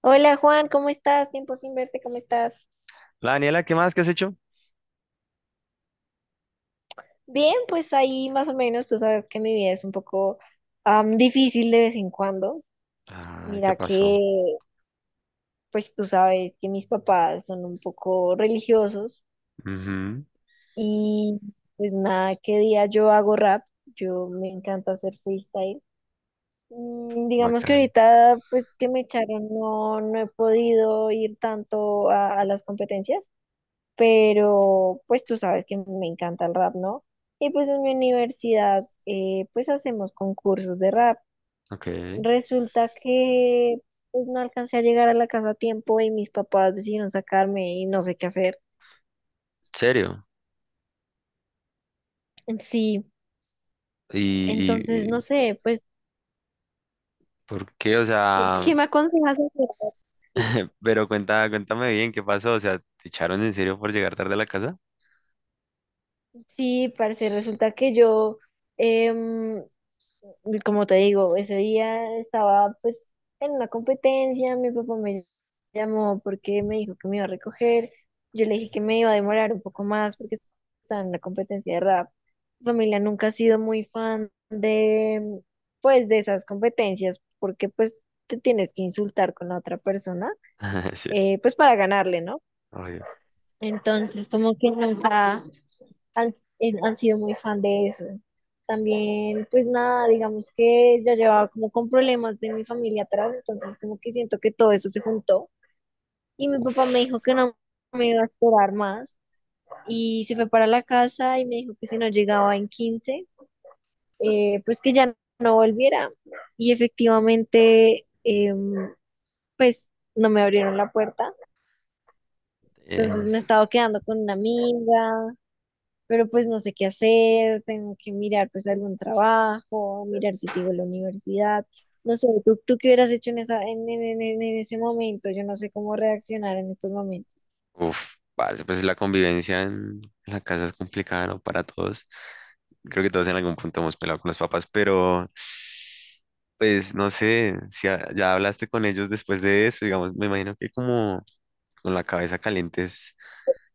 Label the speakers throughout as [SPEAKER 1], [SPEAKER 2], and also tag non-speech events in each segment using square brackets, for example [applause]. [SPEAKER 1] Hola Juan, ¿cómo estás? Tiempo sin verte, ¿cómo estás?
[SPEAKER 2] La Daniela, ¿qué más? ¿Qué has hecho?
[SPEAKER 1] Bien, pues ahí más o menos, tú sabes que mi vida es un poco difícil de vez en cuando.
[SPEAKER 2] Ay, ¿qué
[SPEAKER 1] Mira
[SPEAKER 2] pasó?
[SPEAKER 1] que, pues tú sabes que mis papás son un poco religiosos
[SPEAKER 2] Ujú,
[SPEAKER 1] y pues nada, qué día yo hago rap, yo me encanta hacer freestyle. Digamos que
[SPEAKER 2] bacano.
[SPEAKER 1] ahorita, pues que me echaron, no, no he podido ir tanto a las competencias, pero pues tú sabes que me encanta el rap, ¿no? Y pues en mi universidad pues hacemos concursos de rap.
[SPEAKER 2] Ok.
[SPEAKER 1] Resulta que pues no alcancé a llegar a la casa a tiempo y mis papás decidieron sacarme y no sé qué hacer.
[SPEAKER 2] ¿Serio?
[SPEAKER 1] Sí,
[SPEAKER 2] ¿Y, y-
[SPEAKER 1] entonces no
[SPEAKER 2] y
[SPEAKER 1] sé, pues,
[SPEAKER 2] por qué? O
[SPEAKER 1] ¿qué,
[SPEAKER 2] sea,
[SPEAKER 1] qué me aconsejas hacer?
[SPEAKER 2] [laughs] pero cuenta, cuéntame bien, ¿qué pasó? O sea, ¿te echaron en serio por llegar tarde a la casa?
[SPEAKER 1] Sí, parece, resulta que yo... em, Y como te digo, ese día estaba pues en una competencia, mi papá me llamó porque me dijo que me iba a recoger, yo le dije que me iba a demorar un poco más porque estaba en una competencia de rap. Mi familia nunca ha sido muy fan de pues de esas competencias porque pues te tienes que insultar con la otra persona
[SPEAKER 2] [laughs] Sí.
[SPEAKER 1] pues para ganarle, ¿no?
[SPEAKER 2] Obvio.
[SPEAKER 1] Entonces como que nunca han sido muy fan de eso. También, pues nada, digamos que ya llevaba como con problemas de mi familia atrás, entonces como que siento que todo eso se juntó. Y mi
[SPEAKER 2] Uf.
[SPEAKER 1] papá me dijo que no me iba a esperar más y se fue para la casa y me dijo que si no llegaba en 15 pues que ya no volviera. Y efectivamente, pues no me abrieron la puerta. Entonces
[SPEAKER 2] es-
[SPEAKER 1] me he estado quedando con una amiga, pero pues no sé qué hacer, tengo que mirar pues algún trabajo, mirar si sigo la universidad. No sé, ¿tú qué hubieras hecho en esa, en ese momento? Yo no sé cómo reaccionar en estos momentos.
[SPEAKER 2] Uf, parce, pues la convivencia en la casa es complicada, ¿no? Para todos. Creo que todos en algún punto hemos peleado con los papás, pero pues no sé, si ya hablaste con ellos después de eso. Digamos, me imagino que como con la cabeza caliente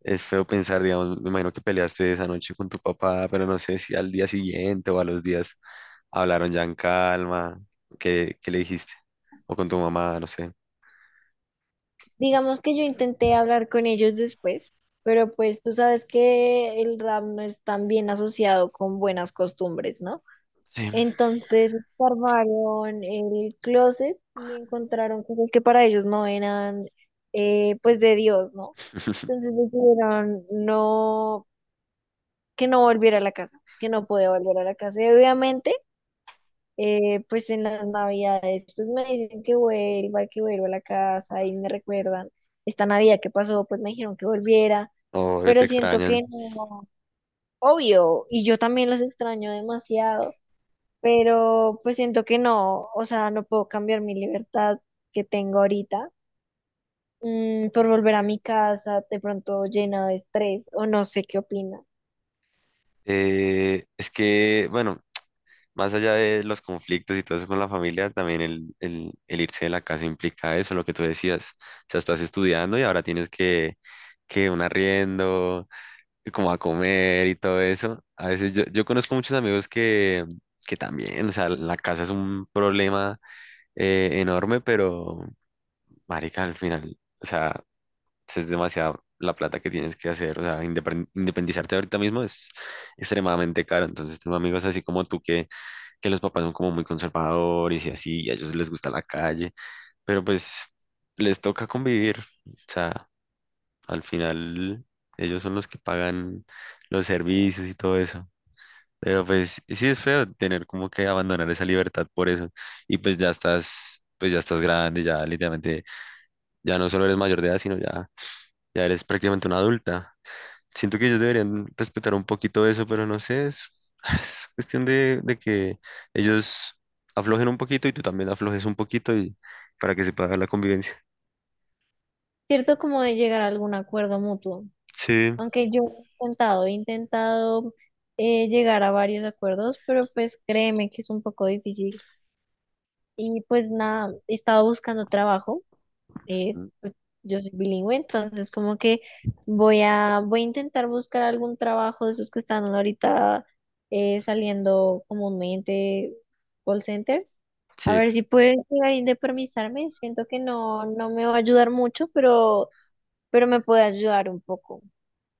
[SPEAKER 2] es feo pensar. Digamos, me imagino que peleaste esa noche con tu papá, pero no sé si al día siguiente o a los días hablaron ya en calma. ¿Qué, qué le dijiste? O con tu mamá, no sé.
[SPEAKER 1] Digamos que yo intenté hablar con ellos después, pero pues tú sabes que el rap no es tan bien asociado con buenas costumbres, ¿no?
[SPEAKER 2] Sí.
[SPEAKER 1] Entonces armaron el closet y encontraron cosas que para ellos no eran pues de Dios, ¿no? Entonces decidieron no, que no volviera a la casa, que no podía volver a la casa. Y obviamente, pues en las navidades, pues me dicen que vuelva a la casa y me recuerdan esta Navidad que pasó, pues me dijeron que volviera,
[SPEAKER 2] O te
[SPEAKER 1] pero siento que
[SPEAKER 2] extrañan.
[SPEAKER 1] no, obvio, y yo también los extraño demasiado, pero pues siento que no, o sea, no puedo cambiar mi libertad que tengo ahorita. Por volver a mi casa de pronto llena de estrés o no sé qué opina.
[SPEAKER 2] Es que, bueno, más allá de los conflictos y todo eso con la familia, también el irse de la casa implica eso, lo que tú decías. O sea, estás estudiando y ahora tienes que un arriendo, como a comer y todo eso. A veces yo conozco muchos amigos que también, o sea, la casa es un problema enorme, pero marica, al final, o sea, si es demasiada la plata que tienes que hacer, o sea, independizarte ahorita mismo es extremadamente caro. Entonces tengo amigos así como tú que los papás son como muy conservadores y así, y a ellos les gusta la calle, pero pues les toca convivir, o sea, al final ellos son los que pagan los servicios y todo eso. Pero pues sí es feo tener como que abandonar esa libertad por eso. Y pues ya estás grande, ya literalmente, ya no solo eres mayor de edad, sino ya, ya eres prácticamente una adulta. Siento que ellos deberían respetar un poquito eso, pero no sé, es, [sighs] es cuestión de que ellos aflojen un poquito y tú también aflojes un poquito y para que se pueda dar la convivencia.
[SPEAKER 1] Cierto como de llegar a algún acuerdo mutuo,
[SPEAKER 2] Sí.
[SPEAKER 1] aunque yo he intentado llegar a varios acuerdos, pero pues créeme que es un poco difícil. Y pues nada, he estado buscando trabajo,
[SPEAKER 2] Mm,
[SPEAKER 1] pues, yo soy bilingüe, entonces como que voy a intentar buscar algún trabajo de esos que están ahorita saliendo comúnmente, call centers. A
[SPEAKER 2] sí.
[SPEAKER 1] ver si puedo llegar a independizarme, siento que no, no me va a ayudar mucho, pero me puede ayudar un poco.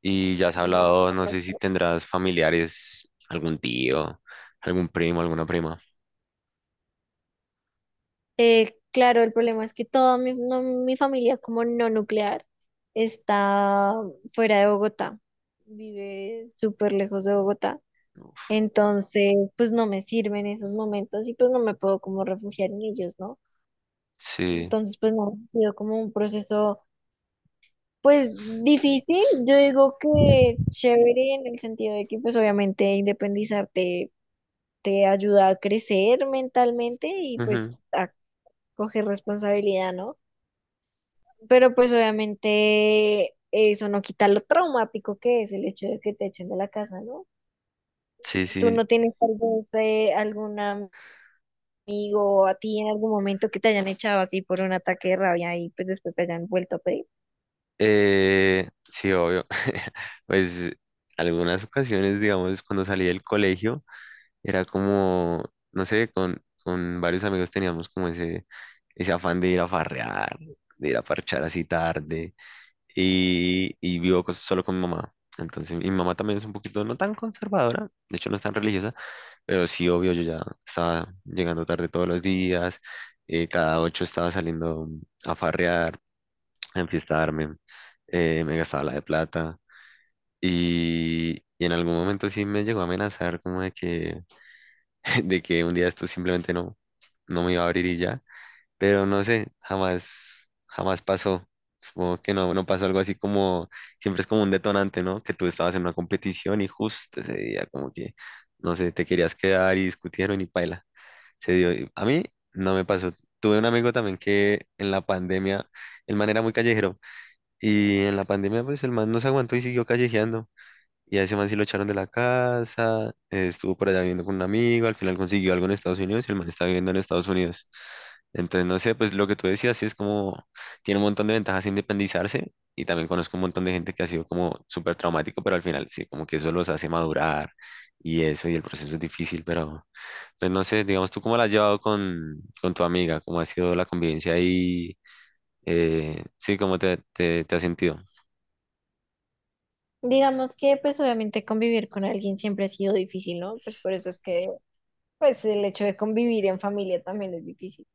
[SPEAKER 2] Y ya has
[SPEAKER 1] No,
[SPEAKER 2] hablado, no sé si
[SPEAKER 1] no.
[SPEAKER 2] tendrás familiares, algún tío, algún primo, alguna prima.
[SPEAKER 1] Claro, el problema es que toda mi, mi familia como no nuclear está fuera de Bogotá, vive súper lejos de Bogotá. Entonces, pues no me sirven esos momentos y pues no me puedo como refugiar en ellos, ¿no?
[SPEAKER 2] Sí.
[SPEAKER 1] Entonces, pues no, ha sido como un proceso, pues difícil. Yo digo que chévere en el sentido de que pues obviamente independizarte te ayuda a crecer mentalmente y pues
[SPEAKER 2] Ujú.
[SPEAKER 1] a coger responsabilidad, ¿no? Pero pues obviamente eso no quita lo traumático que es el hecho de que te echen de la casa, ¿no?
[SPEAKER 2] Sí,
[SPEAKER 1] Tú
[SPEAKER 2] sí,
[SPEAKER 1] no tienes tal vez algún amigo o a ti en algún momento que te hayan echado así por un ataque de rabia y pues después te hayan vuelto a pedir.
[SPEAKER 2] sí, obvio. [laughs] Pues algunas ocasiones, digamos, cuando salí del colegio, era como, no sé, con varios amigos teníamos como ese afán de ir a farrear, de ir a parchar así tarde, y vivo solo con mi mamá. Entonces, mi mamá también es un poquito no tan conservadora, de hecho no es tan religiosa, pero sí, obvio, yo ya estaba llegando tarde todos los días, cada ocho estaba saliendo a farrear a enfiestarme. Me gastaba la de plata y en algún momento sí me llegó a amenazar como de que, [laughs] de que un día esto simplemente no, no me iba a abrir y ya, pero no sé, jamás, jamás pasó. Supongo que no, no pasó algo así como, siempre es como un detonante, ¿no? Que tú estabas en una competición y justo ese día como que, no sé, te querías quedar y discutieron y paila. Se dio. Y a mí no me pasó. Tuve un amigo también que en la pandemia, el man era muy callejero y en la pandemia, pues el man no se aguantó y siguió callejeando. Y a ese man sí lo echaron de la casa. Estuvo por allá viviendo con un amigo, al final consiguió algo en Estados Unidos y el man está viviendo en Estados Unidos. Entonces, no sé, pues lo que tú decías, sí es como, tiene un montón de ventajas independizarse y también conozco un montón de gente que ha sido como súper traumático, pero al final sí, como que eso los hace madurar y eso, y el proceso es difícil, pero pues no sé, digamos, ¿tú cómo la has llevado con tu amiga? ¿Cómo ha sido la convivencia ahí? Sí, ¿cómo te has sentido?
[SPEAKER 1] Digamos que pues obviamente convivir con alguien siempre ha sido difícil, ¿no? Pues por eso es que pues el hecho de convivir en familia también es difícil.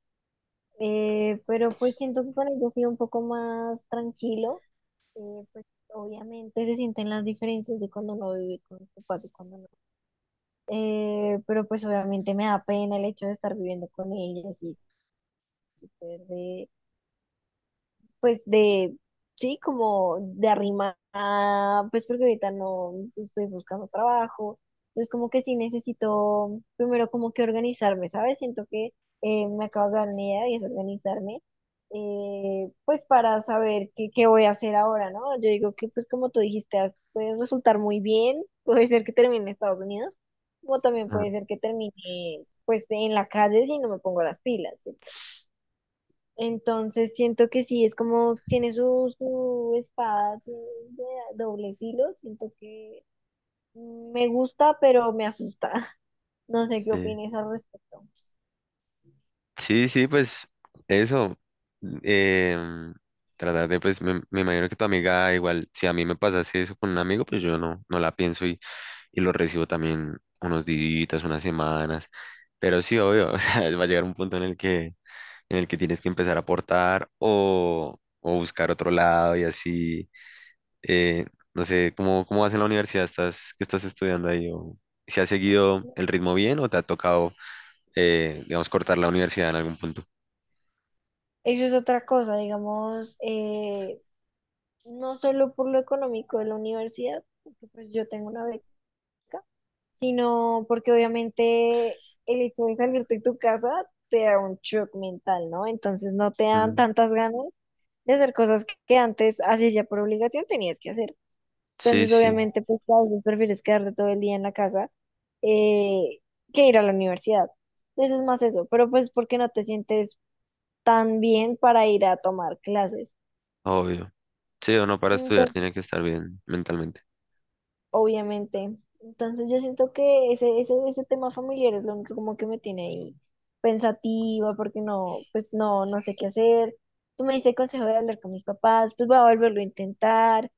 [SPEAKER 1] Pero pues siento que con ellos ha un poco más tranquilo. Pues obviamente se sienten las diferencias de cuando uno vive con sus papás y cuando no. Pero pues obviamente me da pena el hecho de estar viviendo con ellas y súper de, pues de, sí, como de arrimada, pues porque ahorita no estoy buscando trabajo, entonces como que sí necesito primero como que organizarme, ¿sabes? Siento que me acabo de dar una idea y es organizarme, pues para saber qué voy a hacer ahora, ¿no? Yo digo que pues como tú dijiste, puede resultar muy bien, [laughs] puede ser que termine en Estados Unidos, como también
[SPEAKER 2] Ah,
[SPEAKER 1] puede ser que termine pues en la calle si no me pongo las pilas. ¿Sí? Entonces siento que sí, es como tiene su, su espada así de doble filo, siento que me gusta, pero me asusta. [laughs] No sé qué
[SPEAKER 2] sí.
[SPEAKER 1] opines al respecto.
[SPEAKER 2] Sí, sí, pues eso. em, Tratar de, pues me imagino que tu amiga igual, si a mí me pasase eso con un amigo, pues yo no, no la pienso y lo recibo también unos días, unas semanas. Pero sí, obvio, [laughs] o sea, va a llegar un punto en el que tienes que empezar a aportar o buscar otro lado y así. eh, no sé, ¿cómo, cómo vas en la universidad? ¿Estás, qué estás estudiando ahí? ¿O si has seguido el ritmo bien o te ha tocado digamos, cortar la universidad en algún punto?
[SPEAKER 1] Eso es otra cosa, digamos, no solo por lo económico de la universidad, porque pues yo tengo una beca, sino porque obviamente el hecho de salirte de tu casa te da un shock mental, ¿no? Entonces no te dan
[SPEAKER 2] Mm,
[SPEAKER 1] tantas ganas de hacer cosas que antes hacías ya por obligación, tenías que hacer.
[SPEAKER 2] sí,
[SPEAKER 1] Entonces,
[SPEAKER 2] sí,
[SPEAKER 1] obviamente, pues a veces prefieres quedarte todo el día en la casa eh, que ir a la universidad. Entonces es más eso, pero pues porque no te sientes tan bien para ir a tomar clases.
[SPEAKER 2] obvio. Sí, uno para estudiar
[SPEAKER 1] Entonces,
[SPEAKER 2] tiene que estar bien mentalmente.
[SPEAKER 1] obviamente. Entonces yo siento que ese tema familiar es lo único como que me tiene ahí pensativa, porque no, pues no, no sé qué hacer. Tú me diste el consejo de hablar con mis papás, pues voy a volverlo a intentar.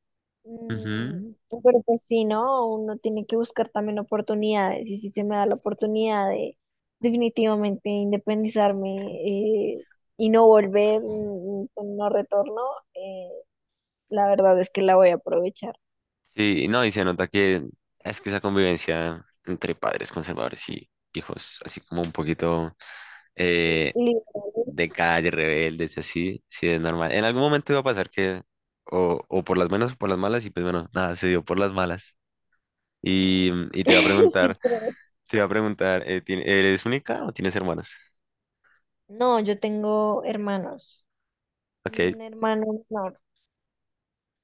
[SPEAKER 1] Mm,
[SPEAKER 2] Ujú.
[SPEAKER 1] pero pues sí, ¿no? Uno tiene que buscar también oportunidades, y si se me da la oportunidad de definitivamente independizarme eh, y no volver con no retorno, eh, la verdad es que la voy a aprovechar.
[SPEAKER 2] Sí, no, y se nota que es que esa convivencia entre padres conservadores y hijos, así como un poquito eh,
[SPEAKER 1] Listo.
[SPEAKER 2] de calle, rebeldes, así, sí es normal. En algún momento iba a pasar que, o por las buenas o por las malas, y pues bueno, nada, se dio por las malas. Y, y te iba a
[SPEAKER 1] [laughs] Sí,
[SPEAKER 2] preguntar,
[SPEAKER 1] creo.
[SPEAKER 2] te iba a preguntar, ¿eres única o tienes hermanos?
[SPEAKER 1] No, yo tengo hermanos,
[SPEAKER 2] Ok,
[SPEAKER 1] un hermano menor.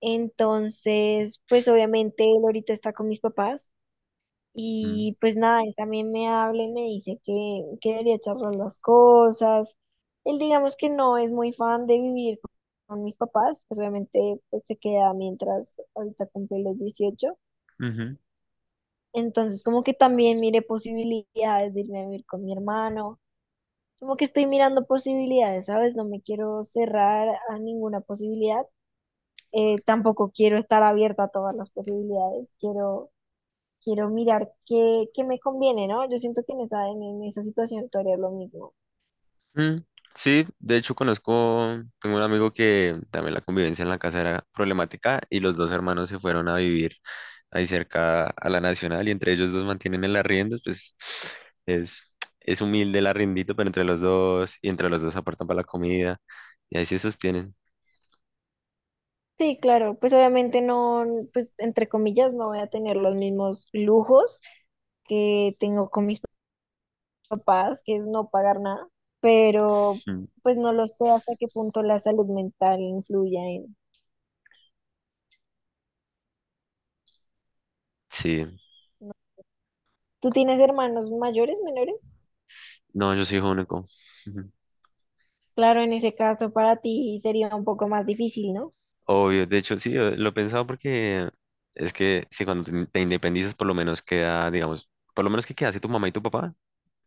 [SPEAKER 1] Entonces, pues obviamente él ahorita está con mis papás
[SPEAKER 2] mm,
[SPEAKER 1] y pues nada, él también me habla y me dice que debería charlar las cosas. Él digamos que no es muy fan de vivir con mis papás, pues obviamente pues, se queda mientras ahorita cumple los 18.
[SPEAKER 2] ujú,
[SPEAKER 1] Entonces, como que también mire posibilidades de irme a vivir con mi hermano. Como que estoy mirando posibilidades, ¿sabes? No me quiero cerrar a ninguna posibilidad. Tampoco quiero estar abierta a todas las posibilidades. Quiero, quiero mirar qué, qué me conviene, ¿no? Yo siento que en esa situación tú harías lo mismo.
[SPEAKER 2] mm. Sí, de hecho conozco, tengo un amigo que también la convivencia en la casa era problemática y los dos hermanos se fueron a vivir ahí cerca a la Nacional y entre ellos dos mantienen el arriendo, pues es, es humilde el arriendito, pero entre los dos y entre los dos aportan para la comida y ahí se sostienen.
[SPEAKER 1] Sí, claro, pues obviamente no, pues entre comillas, no voy a tener los mismos lujos que tengo con mis papás, que es no pagar nada, pero
[SPEAKER 2] Mm,
[SPEAKER 1] pues no lo sé hasta qué punto la salud mental influye en...
[SPEAKER 2] sí,
[SPEAKER 1] ¿no? ¿Tú tienes hermanos mayores, menores?
[SPEAKER 2] no, yo soy hijo único. Ujú.
[SPEAKER 1] Claro, en ese caso para ti sería un poco más difícil, ¿no?
[SPEAKER 2] Obvio, de hecho sí, lo he pensado porque es que si cuando te independizas por lo menos queda, digamos, por lo menos que queda así tu mamá y tu papá,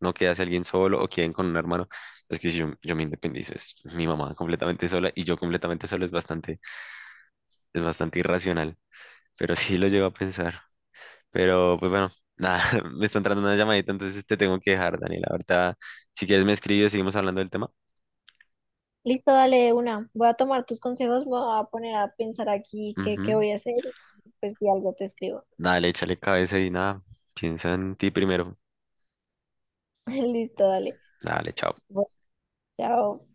[SPEAKER 2] no quedarse alguien solo o queden con un hermano. Es que si yo me independizo, es mi mamá completamente sola y yo completamente solo, es bastante irracional, pero [laughs] sí lo llevo a pensar. Pero pues bueno, nada, [laughs] me está entrando una llamadita, entonces te tengo que dejar, Daniela. Ahorita, si quieres me escribes, y seguimos hablando del tema.
[SPEAKER 1] Listo, dale de una. Voy a tomar tus consejos, me voy a poner a pensar aquí qué
[SPEAKER 2] Ujú.
[SPEAKER 1] voy a hacer. Pues si algo te escribo.
[SPEAKER 2] Dale, échale cabeza y nada, piensa en ti primero.
[SPEAKER 1] [laughs] Listo, dale.
[SPEAKER 2] Dale, chao.
[SPEAKER 1] Bueno, chao.